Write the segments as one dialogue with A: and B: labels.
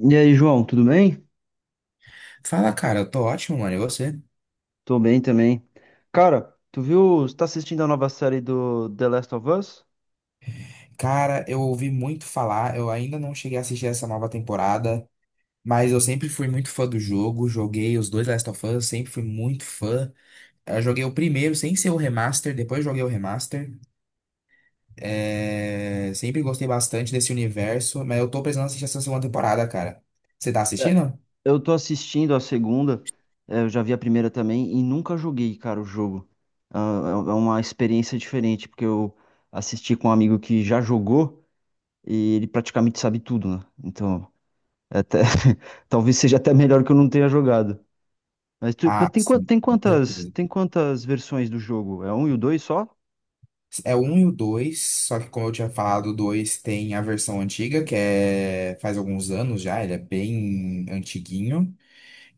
A: E aí, João, tudo bem?
B: Fala, cara, eu tô ótimo, mano. E você?
A: Tô bem também. Cara, tu viu, você tá assistindo a nova série do The Last of Us?
B: Cara, eu ouvi muito falar, eu ainda não cheguei a assistir essa nova temporada, mas eu sempre fui muito fã do jogo, joguei os dois Last of Us, sempre fui muito fã. Eu joguei o primeiro sem ser o remaster, depois joguei o remaster. Sempre gostei bastante desse universo, mas eu tô precisando assistir essa segunda temporada, cara. Você tá
A: É,
B: assistindo?
A: Eu tô assistindo a segunda, eu já vi a primeira também e nunca joguei, cara, o jogo. Ah, é uma experiência diferente, porque eu assisti com um amigo que já jogou e ele praticamente sabe tudo, né? Então, é até, talvez seja até melhor que eu não tenha jogado. Mas, mas
B: Ah,
A: tem,
B: sim, com certeza.
A: tem quantas versões do jogo? É um e o dois só?
B: É o 1 e o 2, só que como eu tinha falado, o 2 tem a versão antiga, que é faz alguns anos já, ele é bem antiguinho,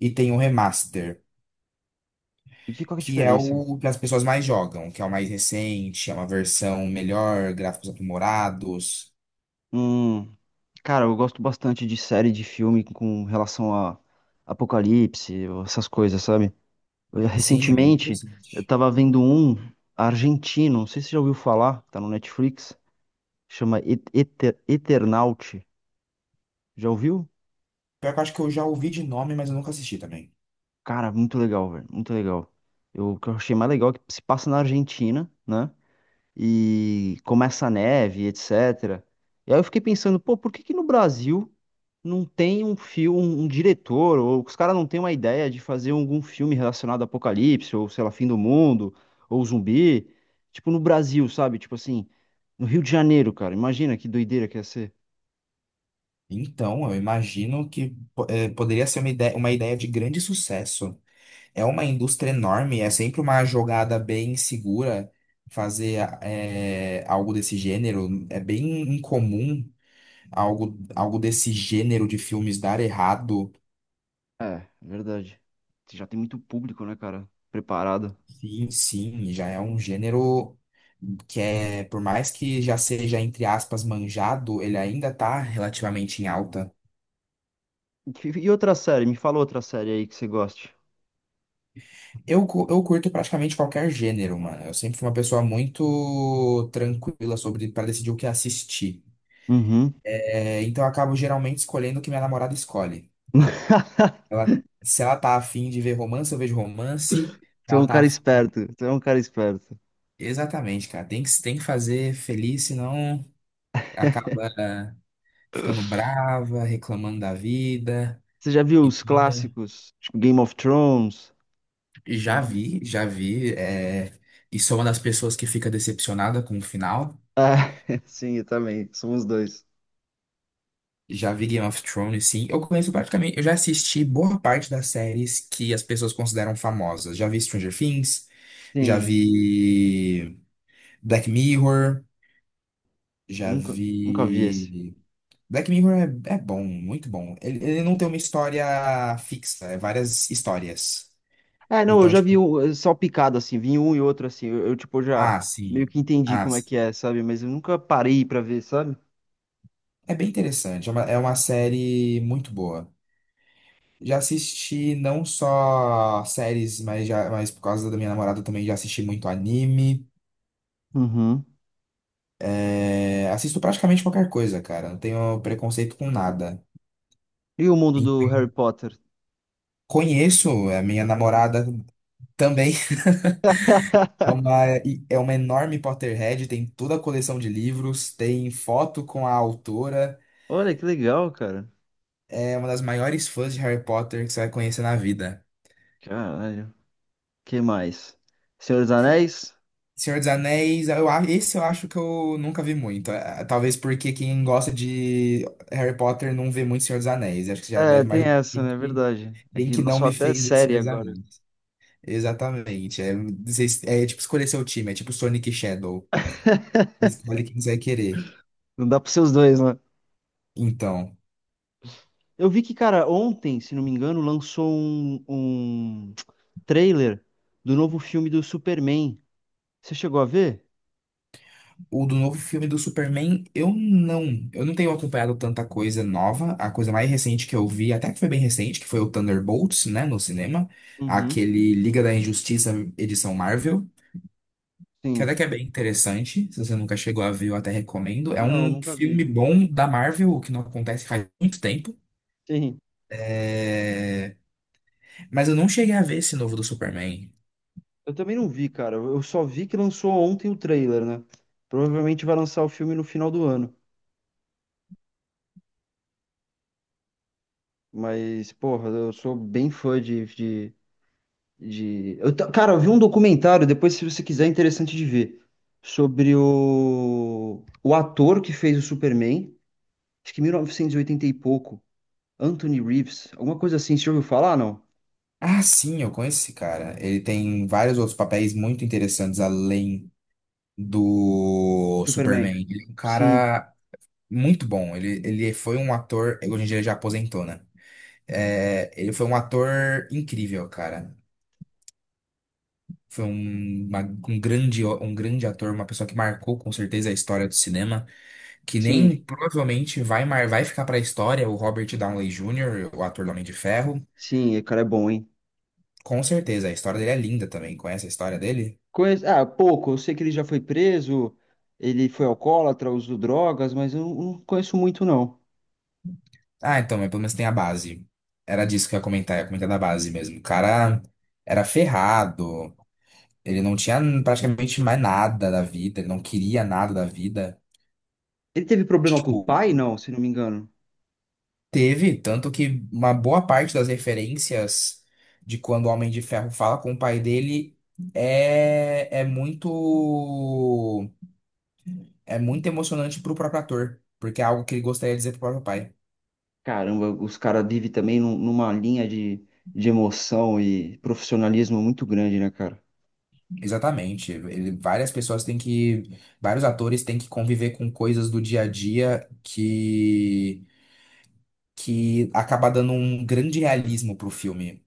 B: e tem o remaster,
A: E que, qual que é a
B: que é
A: diferença?
B: o que as pessoas mais jogam, que é o mais recente, é uma versão melhor, gráficos aprimorados.
A: Hum, cara, eu gosto bastante de série de filme com relação a apocalipse, essas coisas, sabe? Eu,
B: Sim, é bem
A: recentemente, eu
B: interessante.
A: tava vendo um argentino, não sei se você já ouviu falar, tá no Netflix, chama Eternaut. Já ouviu?
B: Pior que eu acho que eu já ouvi de nome, mas eu nunca assisti também.
A: Cara, muito legal, velho, muito legal. Eu, o que eu achei mais legal é que se passa na Argentina, né? E começa a neve, etc. E aí eu fiquei pensando, pô, por que que no Brasil não tem um filme, um diretor, ou os caras não têm uma ideia de fazer algum filme relacionado a apocalipse, ou sei lá, fim do mundo, ou zumbi? Tipo, no Brasil, sabe? Tipo assim, no Rio de Janeiro, cara. Imagina que doideira que ia ser.
B: Então, eu imagino que poderia ser uma ideia de grande sucesso. É uma indústria enorme, é sempre uma jogada bem segura fazer algo desse gênero. É bem incomum algo desse gênero de filmes dar errado.
A: É, verdade. Você já tem muito público, né, cara? Preparado.
B: Sim, sim, já é um gênero que é, por mais que já seja, entre aspas, manjado, ele ainda tá relativamente em alta.
A: E outra série? Me fala outra série aí que você goste.
B: Eu curto praticamente qualquer gênero, mano. Eu sempre fui uma pessoa muito tranquila sobre para decidir o que assistir.
A: Uhum.
B: É, então eu acabo geralmente escolhendo o que minha namorada escolhe. Ela, se ela tá afim de ver romance, eu vejo romance.
A: Tu é
B: Ela
A: um
B: tá
A: cara
B: afim.
A: esperto. Tu é um cara esperto.
B: Exatamente, cara. Tem que fazer feliz, senão acaba ficando brava, reclamando da vida.
A: Você já viu os
B: Então, né,
A: clássicos, tipo Game of Thrones?
B: já
A: Já-
B: vi, já vi. E sou uma das pessoas que fica decepcionada com o final.
A: Ah, sim, eu também. Somos dois.
B: Já vi Game of Thrones, sim. Eu conheço praticamente. Eu já assisti boa parte das séries que as pessoas consideram famosas. Já vi Stranger Things, já
A: Sim,
B: vi Black Mirror,
A: eu
B: já
A: nunca, nunca vi esse.
B: vi. Black Mirror é bom, muito bom. Ele não tem uma história fixa, é várias histórias.
A: É, não, eu
B: Então,
A: já
B: tipo,
A: vi um, só picado, assim, vi um e outro, assim. Tipo, já
B: ah,
A: meio
B: sim.
A: que entendi
B: Ah,
A: como é
B: sim.
A: que é, sabe? Mas eu nunca parei pra ver, sabe?
B: É bem interessante. É uma série muito boa. Já assisti não só séries, mas por causa da minha namorada também já assisti muito anime.
A: Uhum.
B: É, assisto praticamente qualquer coisa, cara. Não tenho preconceito com nada.
A: E o mundo do Harry
B: Então,
A: Potter?
B: conheço a minha namorada também. É uma, é uma enorme Potterhead, tem toda a coleção de livros, tem foto com a autora.
A: Olha, que legal, cara.
B: É uma das maiores fãs de Harry Potter que você vai conhecer na vida.
A: Caralho. Que mais? Senhor dos Anéis?
B: Senhor dos Anéis, esse eu acho que eu nunca vi muito. Talvez porque quem gosta de Harry Potter não vê muito Senhor dos Anéis. Acho que já
A: É,
B: deve
A: tem
B: imaginar
A: essa,
B: quem
A: né? É
B: que,
A: verdade. É
B: quem
A: que
B: que não
A: lançou
B: me
A: até
B: fez ver
A: série
B: Senhor dos
A: agora.
B: Anéis. Exatamente. É tipo escolher seu time, é tipo Sonic e Shadow. Escolhe quem você vai querer.
A: Não dá pra ser os dois, né?
B: Então.
A: Eu vi que, cara, ontem, se não me engano, lançou um trailer do novo filme do Superman. Você chegou a ver?
B: O do novo filme do Superman, eu não. Eu não tenho acompanhado tanta coisa nova. A coisa mais recente que eu vi, até que foi bem recente, que foi o Thunderbolts, né, no cinema.
A: Uhum.
B: Aquele Liga da Injustiça edição Marvel, que até
A: Sim.
B: que é bem interessante. Se você nunca chegou a ver, eu até recomendo. É
A: Não,
B: um
A: nunca vi.
B: filme bom da Marvel, o que não acontece faz muito tempo.
A: Sim.
B: É, mas eu não cheguei a ver esse novo do Superman.
A: Eu também não vi, cara. Eu só vi que lançou ontem o trailer, né? Provavelmente vai lançar o filme no final do ano. Mas, porra, eu sou bem fã de... Eu, cara, eu vi um documentário, depois, se você quiser, é interessante de ver, sobre o ator que fez o Superman. Acho que 1980 e oitenta e pouco, Anthony Reeves, alguma coisa assim, você já ouviu falar, não?
B: Ah, sim, eu conheço esse cara. Ele tem vários outros papéis muito interessantes além do
A: Superman.
B: Superman. Ele é um
A: Sim,
B: cara muito bom. Ele foi um ator. Hoje em dia ele já aposentou, né? É, ele foi um ator incrível, cara. Foi um grande ator, uma pessoa que marcou com certeza a história do cinema, que nem
A: sim,
B: provavelmente vai ficar pra história o Robert Downey Jr., o ator do Homem de Ferro.
A: sim, o cara é bom, hein?
B: Com certeza, a história dele é linda também. Conhece a história dele?
A: Ah, pouco, eu sei que ele já foi preso, ele foi alcoólatra, usou drogas, mas eu não conheço muito, não.
B: Ah, então, mas pelo menos tem a base. Era disso que eu ia comentar da base mesmo. O cara era ferrado, ele não tinha praticamente mais nada da vida, ele não queria nada da vida.
A: Ele teve problema com o
B: Tipo,
A: pai, não, se não me engano.
B: teve, tanto que uma boa parte das referências de quando o Homem de Ferro fala com o pai dele é, é muito é muito emocionante pro próprio ator, porque é algo que ele gostaria de dizer pro próprio pai.
A: Caramba, os caras vivem também numa linha de emoção e profissionalismo muito grande, né, cara?
B: Exatamente. Ele- várias pessoas têm que, vários atores têm que conviver com coisas do dia a dia que acaba dando um grande realismo pro filme.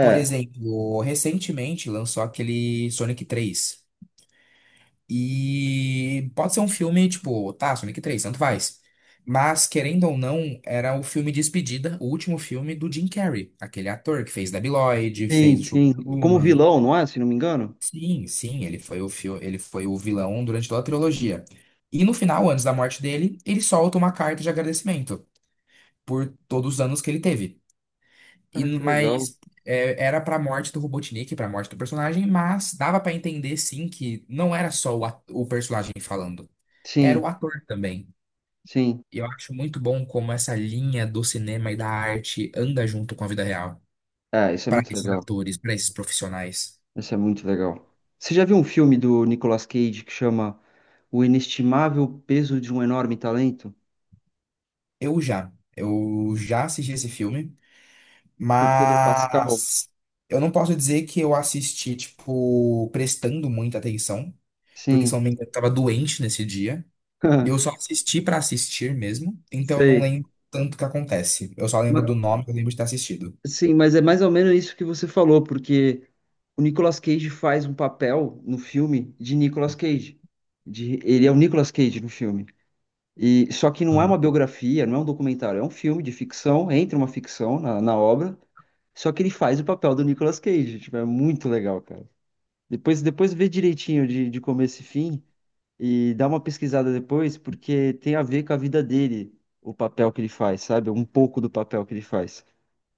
B: Por exemplo, recentemente lançou aquele Sonic 3. E pode ser um filme, tipo, tá, Sonic 3 tanto faz. Mas, querendo ou não, era o filme de despedida, o último filme do Jim Carrey, aquele ator que fez Debi Lloyd, fez
A: sim,
B: o Show
A: sim. Como
B: Truman.
A: vilão, não é? Se não me engano.
B: Sim, sim, ele foi o fio, ele foi o vilão durante toda a trilogia. E no final, antes da morte dele, ele solta uma carta de agradecimento por todos os anos que ele teve. E,
A: Cara, que legal.
B: era pra morte do Robotnik, pra morte do personagem, mas dava pra entender sim que não era só o personagem falando, era
A: Sim,
B: o ator também.
A: sim.
B: E eu acho muito bom como essa linha do cinema e da arte anda junto com a vida real,
A: É, isso é
B: pra
A: muito
B: esses
A: legal.
B: atores, pra esses profissionais.
A: Isso é muito legal. Você já viu um filme do Nicolas Cage que chama O Inestimável Peso de um Enorme Talento?
B: Eu já assisti esse filme,
A: Com o Pedro Pascal?
B: mas eu não posso dizer que eu assisti, tipo, prestando muita atenção, porque se eu
A: Sim.
B: não me engano, eu tava doente nesse dia. Eu só assisti pra assistir mesmo, então eu não
A: Sei.
B: lembro tanto o que acontece. Eu só lembro
A: Ma-
B: do nome, eu lembro de ter assistido.
A: Sim, mas é mais ou menos isso que você falou, porque o Nicolas Cage faz um papel no filme de Nicolas Cage. De, ele é o Nicolas Cage no filme. E só que não é uma
B: Aham.
A: biografia, não é um documentário, é um filme de ficção, entra uma ficção na obra, só que ele faz o papel do Nicolas Cage. Tipo, é muito legal, cara. Depois vê direitinho de começo e fim e dá uma pesquisada depois, porque tem a ver com a vida dele, o papel que ele faz, sabe? Um pouco do papel que ele faz.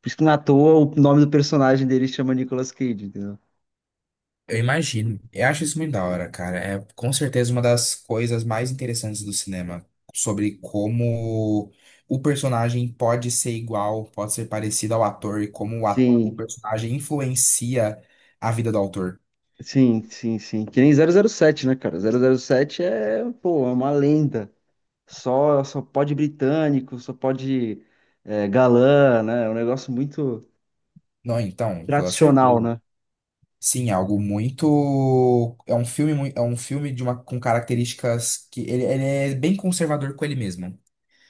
A: Por isso que não é à toa o nome do personagem dele chama Nicolas Cage, entendeu?
B: Eu imagino. Eu acho isso muito da hora, cara. É com certeza uma das coisas mais interessantes do cinema, sobre como o personagem pode ser igual, pode ser parecido ao ator e como o
A: Sim,
B: personagem influencia a vida do autor.
A: sim. Que nem 007 né, cara? 007 é, pô, é uma lenda. Só pode britânico, só pode é, galã, né? É um negócio muito
B: Não, então, com toda
A: tradicional,
B: certeza.
A: né?
B: Sim, é algo muito. É um filme com características que ele é bem conservador com ele mesmo.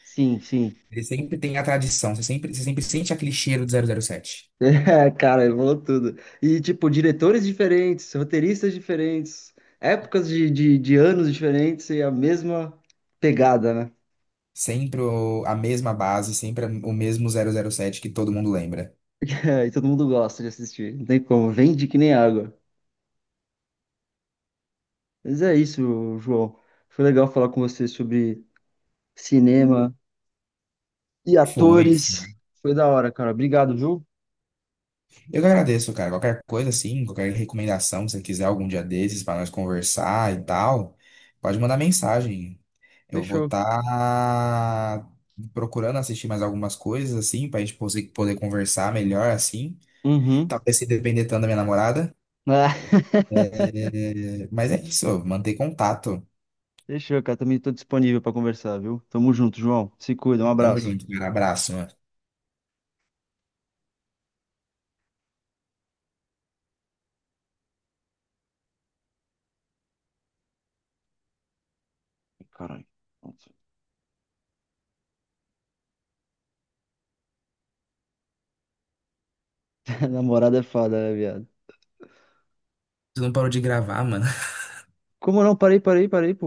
A: Sim, sim,
B: Ele sempre tem a tradição, você sempre sente aquele cheiro do 007.
A: é, cara, evoluiu tudo. E, tipo, diretores diferentes, roteiristas diferentes, épocas de anos diferentes e a mesma pegada, né?
B: Sempre a mesma base, sempre o mesmo 007 que todo mundo lembra.
A: É, e todo mundo gosta de assistir. Não tem como, vende que nem água. Mas é isso, João. Foi legal falar com você sobre cinema e
B: Foi.
A: atores. Foi da hora, cara. Obrigado, viu?
B: Eu que agradeço, cara. Qualquer coisa assim, qualquer recomendação, se você quiser algum dia desses para nós conversar e tal, pode mandar mensagem. Eu vou
A: Fechou.
B: estar procurando assistir mais algumas coisas assim, para a gente poder conversar melhor assim.
A: Uhum.
B: Talvez se depender tanto da minha namorada.
A: Ah,
B: Mas é isso, manter contato.
A: fechou, cara. Também tô disponível pra conversar, viu? Tamo junto, João. Se cuida, um
B: Tamo
A: abraço.
B: junto, cara. Abraço, mano.
A: Caralho. Namorada é foda, né, viado?
B: Você não parou de gravar, mano.
A: Como não? Parei, parei, parei, pô.